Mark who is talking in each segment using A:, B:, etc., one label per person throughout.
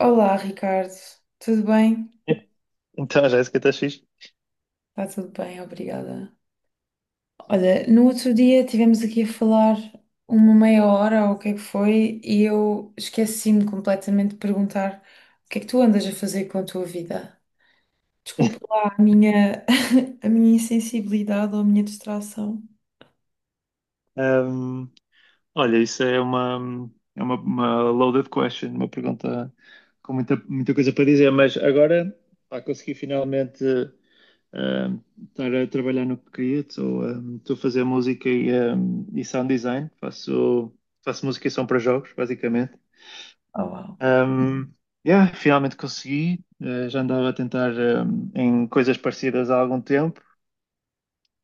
A: Olá, Ricardo. Tudo bem?
B: Então a Jéssica está fixe.
A: Está tudo bem, obrigada. Olha, no outro dia tivemos aqui a falar uma meia hora ou o que é que foi e eu esqueci-me completamente de perguntar o que é que tu andas a fazer com a tua vida. Desculpa lá a minha, a minha insensibilidade ou a minha distração.
B: Um, Olha, isso é uma loaded question, uma pergunta com muita coisa para dizer, mas agora pá, consegui finalmente, um, estar a trabalhar no que queria. Estou estou a fazer música e, e sound design, faço música e som para jogos, basicamente.
A: Oh, uau.
B: Um, yeah, finalmente consegui. Já andava a tentar, em coisas parecidas há algum tempo.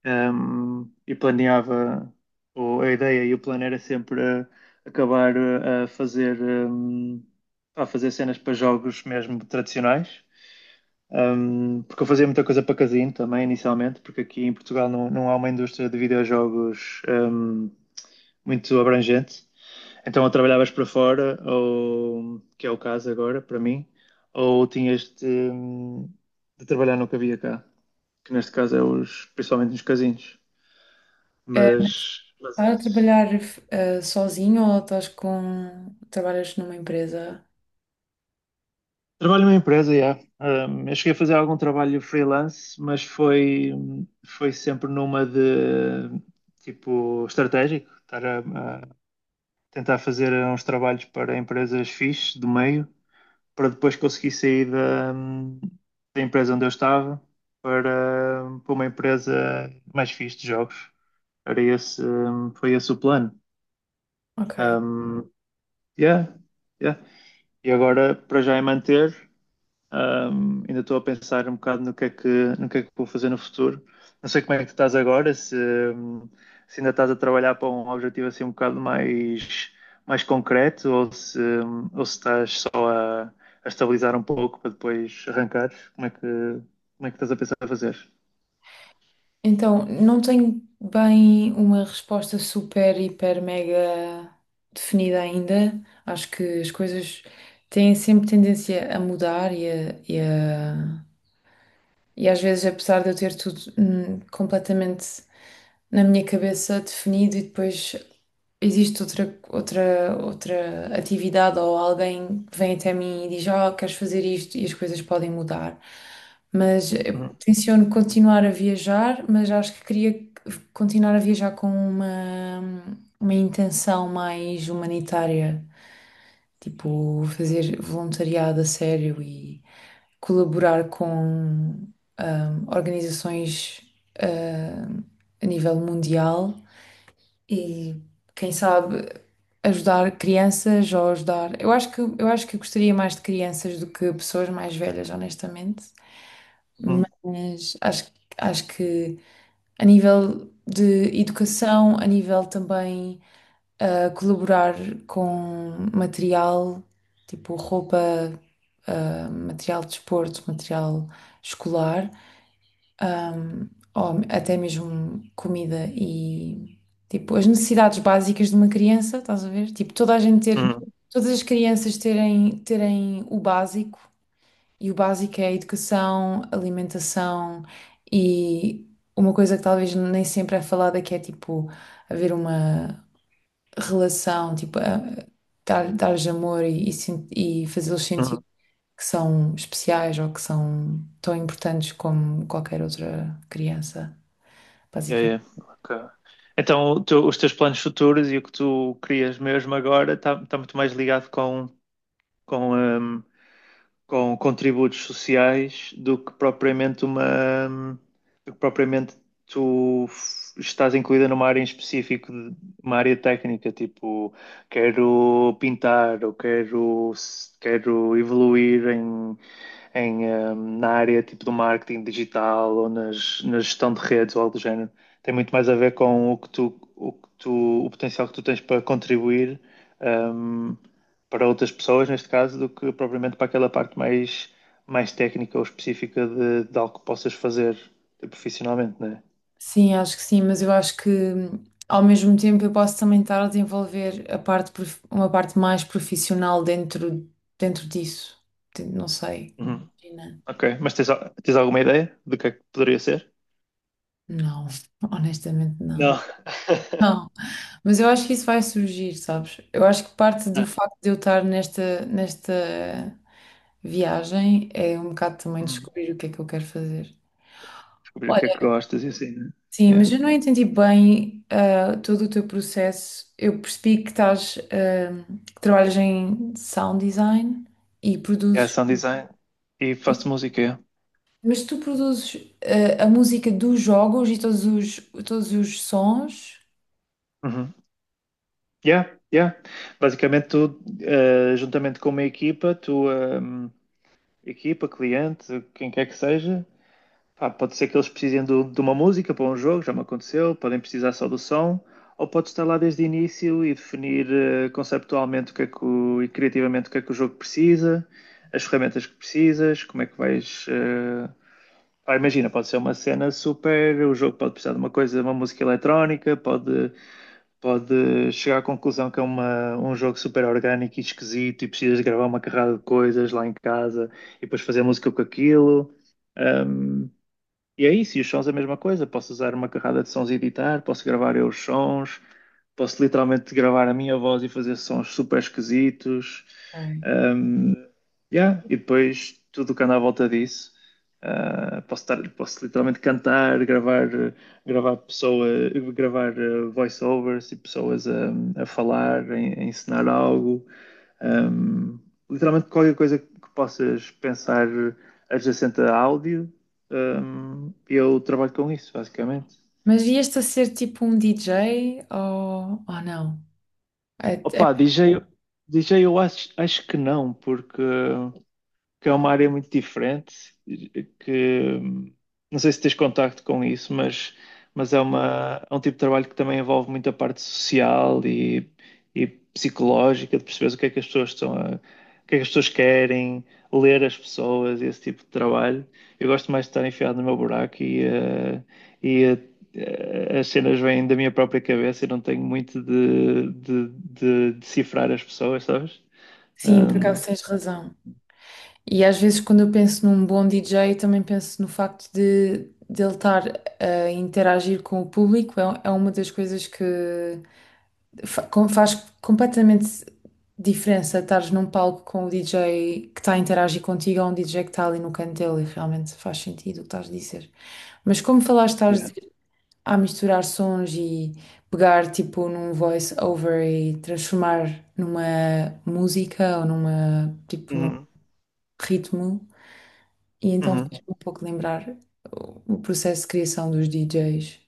B: E planeava, ou a ideia e o plano era sempre acabar, a fazer, a fazer cenas para jogos mesmo tradicionais. Porque eu fazia muita coisa para casino também inicialmente, porque aqui em Portugal não há uma indústria de videojogos muito abrangente. Então, ou trabalhavas para fora, ou que é o caso agora para mim, ou tinhas de trabalhar no que havia cá, que neste caso é os, principalmente nos casinos.
A: Mas
B: Mas,
A: estás a
B: mas
A: trabalhar sozinho ou estás com... trabalhas numa empresa?
B: trabalho numa empresa, yeah. Eu cheguei a fazer algum trabalho freelance, foi sempre numa de tipo estratégico, estar a tentar fazer uns trabalhos para empresas fixes do meio, para depois conseguir sair da empresa onde eu estava para uma empresa mais fixe de jogos. Foi esse o plano.
A: Ok.
B: Um, yeah, yeah. E agora, para já é manter. Ainda estou a pensar um bocado no que é que vou fazer no futuro. Não sei como é que tu estás agora, se ainda estás a trabalhar para um objetivo assim um bocado mais, mais concreto ou se estás só a estabilizar um pouco para depois arrancar. Como é que estás a pensar a fazer?
A: Então, não tenho bem uma resposta super, hiper, mega definida ainda. Acho que as coisas têm sempre tendência a mudar e e às vezes, apesar de eu ter tudo completamente na minha cabeça definido e depois existe outra atividade ou alguém que vem até mim e diz, oh, queres fazer isto e as coisas podem mudar. Mas eu
B: Uhum,
A: tenciono continuar a viajar, mas acho que queria continuar a viajar com uma intenção mais humanitária, tipo fazer voluntariado a sério e colaborar com organizações ah, a nível mundial e quem sabe ajudar crianças ou ajudar. Eu acho que eu gostaria mais de crianças do que pessoas mais velhas, honestamente.
B: uhum,
A: Mas acho que a nível de educação, a nível também colaborar com material, tipo roupa, material de desporto, material escolar, ahm, ou até mesmo comida e tipo as necessidades básicas de uma criança, estás a ver? Tipo,
B: uhum,
A: todas as crianças terem o básico, e o básico é a educação, alimentação e uma coisa que talvez nem sempre é falada que é tipo haver uma relação, tipo, dar-lhes amor e, e fazê-los sentir
B: uhum.
A: que são especiais ou que são tão importantes como qualquer outra criança,
B: Yeah,
A: basicamente.
B: yeah. Ok. Então, os teus planos futuros e o que tu crias mesmo agora está muito mais ligado com, com contributos sociais do que propriamente uma do que propriamente estás incluída numa área em específico, de- uma área técnica, tipo quero pintar ou quero evoluir em, eh, na área tipo do marketing digital ou na gestão de redes ou algo do género. Tem muito mais a ver com o que tu, o potencial que tu tens para contribuir, hum, para outras pessoas, neste caso, do que propriamente para aquela parte mais, mais técnica ou específica de algo que possas fazer, profissionalmente, né?
A: Sim, acho que sim, mas eu acho que, ao mesmo tempo, eu posso também estar a desenvolver uma parte mais profissional dentro, dentro disso. Não sei.
B: Uhum.
A: Imagina.
B: Ok, mas tens alguma ideia do que é que poderia ser?
A: Não, honestamente não.
B: Não.
A: Não, mas eu acho que isso vai surgir, sabes? Eu acho que parte do
B: Ah,
A: facto de eu estar nesta viagem é um bocado também
B: uhum.
A: descobrir o que é que eu quero fazer.
B: Descobrir o que é que gostas e assim, né?
A: Sim, mas
B: Yeah.
A: eu não entendi bem, todo o teu processo. Eu percebi que estás, ah, que trabalhas em sound design e
B: Yeah,
A: produzes,
B: sound design e faço música, yeah.
A: mas tu produzes, a música dos jogos e todos todos os sons.
B: Uhum. Yeah, yeah. Basicamente tu, juntamente com uma equipa, equipa, cliente, quem quer que seja. Pá, pode ser que eles precisem de uma música para um jogo, já me aconteceu, podem precisar só do som, ou pode estar lá desde o início e definir, conceptualmente o que é que e criativamente o que é que o jogo precisa, as ferramentas que precisas, como é que vais. Pá, imagina, pode ser uma cena super, o jogo pode precisar de uma coisa, uma música eletrónica, pode chegar à conclusão que é um jogo super orgânico e esquisito e precisas de gravar uma carrada de coisas lá em casa e depois fazer música com aquilo. Ahm, e é isso, e os sons é a mesma coisa. Posso usar uma carrada de sons e editar, posso gravar eu os sons, posso literalmente gravar a minha voz e fazer sons super esquisitos.
A: Ok.
B: Um, yeah. E depois tudo o que anda à volta disso. Posso literalmente cantar, gravar pessoa, gravar, voiceovers e pessoas a falar, a ensinar algo. Um, Literalmente qualquer coisa que possas pensar adjacente a áudio, eu trabalho com isso, basicamente.
A: Mas ias-te a ser tipo um DJ ou não? É, é-
B: Opa, DJ, DJ eu acho que não, porque que é uma área muito diferente, que não sei se tens contacto com isso, mas é é um tipo de trabalho que também envolve muito a parte social e psicológica, de perceberes o que é que as pessoas estão a, o que é que as pessoas querem, ler as pessoas, esse tipo de trabalho. Eu gosto mais de estar enfiado no meu buraco e as cenas vêm da minha própria cabeça e não tenho muito de decifrar as pessoas, sabes?
A: sim, por
B: Um,
A: acaso tens razão. E às vezes quando eu penso num bom DJ, também penso no facto de ele estar a interagir com o público. É, é uma das coisas que faz completamente diferença estares num palco com o DJ que está a interagir contigo ou um DJ que está ali no canto dele. E realmente faz sentido o que estás a dizer. Mas como falaste, estás
B: yeah.
A: a, misturar sons e pegar tipo num voice over e transformar numa música ou numa tipo num
B: Uhum,
A: ritmo. E então
B: uhum.
A: faz-me um pouco lembrar o processo de criação dos DJs.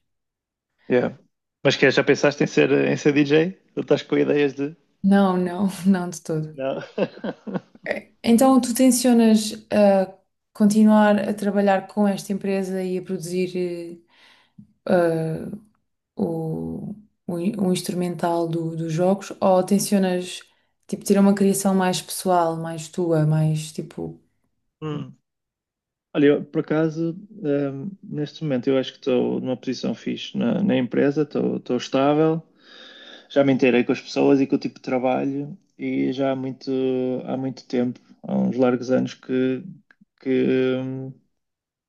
B: Yeah. Mas que é, já pensaste em ser DJ? Ou estás com ideias de.
A: Não, não, não de todo.
B: Não.
A: É, então tu tencionas a continuar a trabalhar com esta empresa e a produzir, eh, ah, o, o instrumental dos jogos, ou tencionas tipo ter uma criação mais pessoal, mais tua, mais tipo...
B: Hum. Olha, eu, por acaso, neste momento eu acho que estou numa posição fixe na empresa, estou estável, já me inteirei com as pessoas e com o tipo de trabalho e já há muito tempo, há uns largos anos que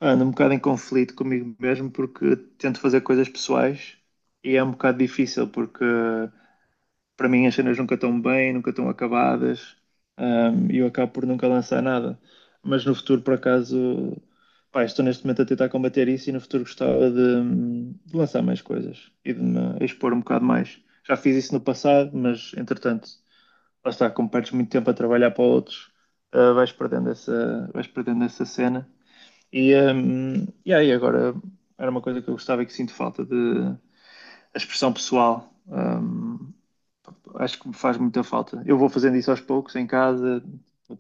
B: ando um bocado em conflito comigo mesmo porque tento fazer coisas pessoais e é um bocado difícil porque para mim as cenas nunca estão bem, nunca estão acabadas, e eu acabo por nunca lançar nada. Mas no futuro, por acaso, pá, estou neste momento a tentar combater isso e no futuro gostava de lançar mais coisas e de me expor um bocado mais. Já fiz isso no passado, mas entretanto, lá está, como perdes muito tempo a trabalhar para outros, ah, vais perdendo vais perdendo essa cena. E aí agora era uma coisa que eu gostava e que sinto falta de a expressão pessoal. Acho que me faz muita falta. Eu vou fazendo isso aos poucos em casa,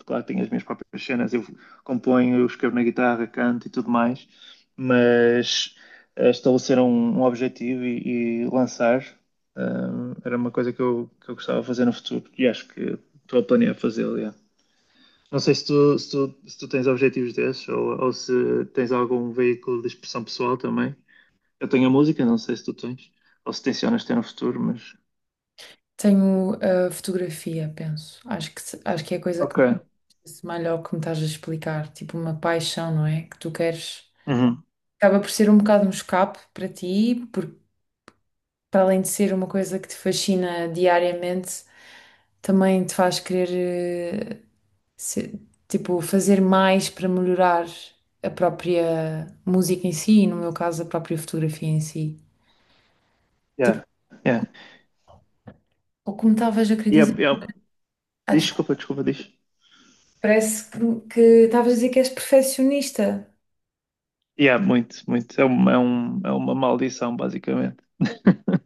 B: claro que tenho as minhas próprias cenas, eu componho, eu escrevo na guitarra, canto e tudo mais, mas, estabelecer um objetivo e lançar, eh, era uma coisa que que eu gostava de fazer no futuro e acho que estou a planear fazê-lo. Yeah. Não sei se tu tens objetivos desses ou se tens algum veículo de expressão pessoal também. Eu tenho a música, não sei se tu tens, ou se tencionas ter no futuro, mas.
A: Tenho a fotografia, penso. Acho que se- Acho que é a coisa que
B: Ok.
A: mais se assemelha ao que me estás a explicar, tipo uma paixão, não é? Que tu queres...
B: Uhum.
A: Acaba por ser um bocado um escape para ti, porque para além de ser uma coisa que te fascina diariamente, também te faz querer, se- tipo, fazer mais para melhorar a própria música em si, e no meu caso, a própria fotografia em si. Tipo,
B: Yeah, yeah.
A: ou como estavas a querer
B: Yeah,
A: dizer,
B: yeah.
A: ah, desculpa.
B: Desculpa, desculpa, diz.
A: Parece que estavas a dizer que és perfeccionista.
B: Yeah, muito, muito. É é uma maldição, basicamente.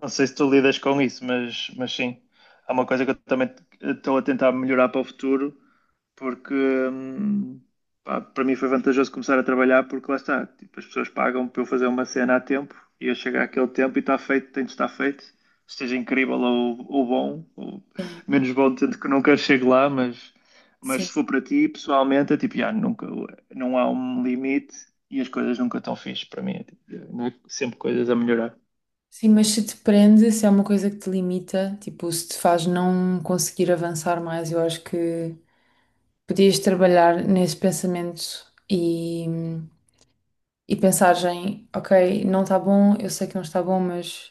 B: Não sei se tu lidas com isso, mas sim, é uma coisa que eu também estou a tentar melhorar para o futuro, porque pá, para mim foi vantajoso começar a trabalhar, porque lá está, tipo, as pessoas pagam para eu fazer uma cena a tempo e eu chego àquele tempo e está feito, tem de estar feito, esteja incrível ou bom, ou
A: Sim,
B: menos bom, tanto que nunca chego lá, mas
A: sim.
B: se for para ti, pessoalmente, é tipo, já, nunca, não há um limite e as coisas nunca estão fixe para mim, é, tipo, sempre coisas a melhorar.
A: Sim, mas se te prende, se é uma coisa que te limita, tipo, se te faz não conseguir avançar mais, eu acho que podias trabalhar nesse pensamento e pensares em, ok, não está bom, eu sei que não está bom, mas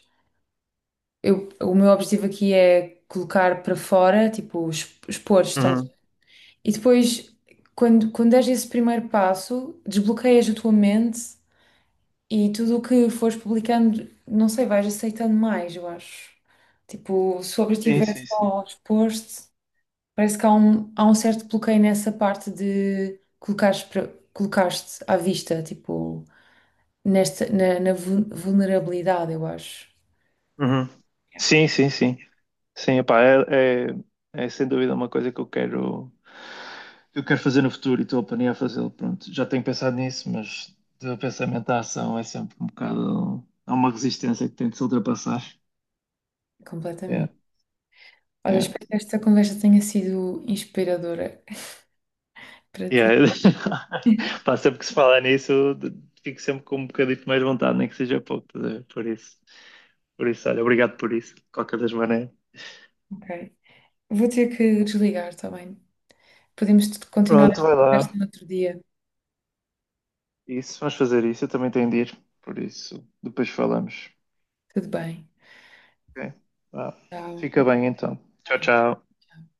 A: eu, o meu objetivo aqui é colocar para fora, tipo, expor, estás? E depois, quando deres esse primeiro passo, desbloqueias a tua mente e tudo o que fores publicando, não sei, vais aceitando mais, eu acho. Tipo, se o objetivo
B: Sim,
A: é
B: sim, sim.
A: só expor-te. Parece que há há um certo bloqueio nessa parte de colocares-te à vista, tipo, na vulnerabilidade, eu acho.
B: Uhum.
A: Yeah.
B: Sim, sim, sim. Sim, pá, é sem dúvida uma coisa que que eu quero fazer no futuro e estou a planear fazê-lo. Pronto, já tenho pensado nisso, mas do pensamento à ação é sempre um bocado. Há uma resistência que tem de se ultrapassar. É,
A: Completamente. Olha,
B: é.
A: espero que esta conversa tenha sido inspiradora para ti.
B: Yeah. Pá, sempre que se fala nisso, de- fico sempre com um bocadinho de mais vontade, nem que seja pouco, estás a ver? Por isso. Por isso, olha, obrigado por isso, de qualquer das maneiras.
A: Ok. Vou ter que desligar, está bem? Podemos continuar
B: Pronto,
A: esta
B: vai
A: conversa
B: lá.
A: no outro dia.
B: Isso, vamos fazer isso. Eu também tenho de ir, por isso depois falamos.
A: Tudo bem.
B: Ok? Vá.
A: Tchau.
B: Fica bem então. Tchau,
A: Bem.
B: tchau.
A: Tchau.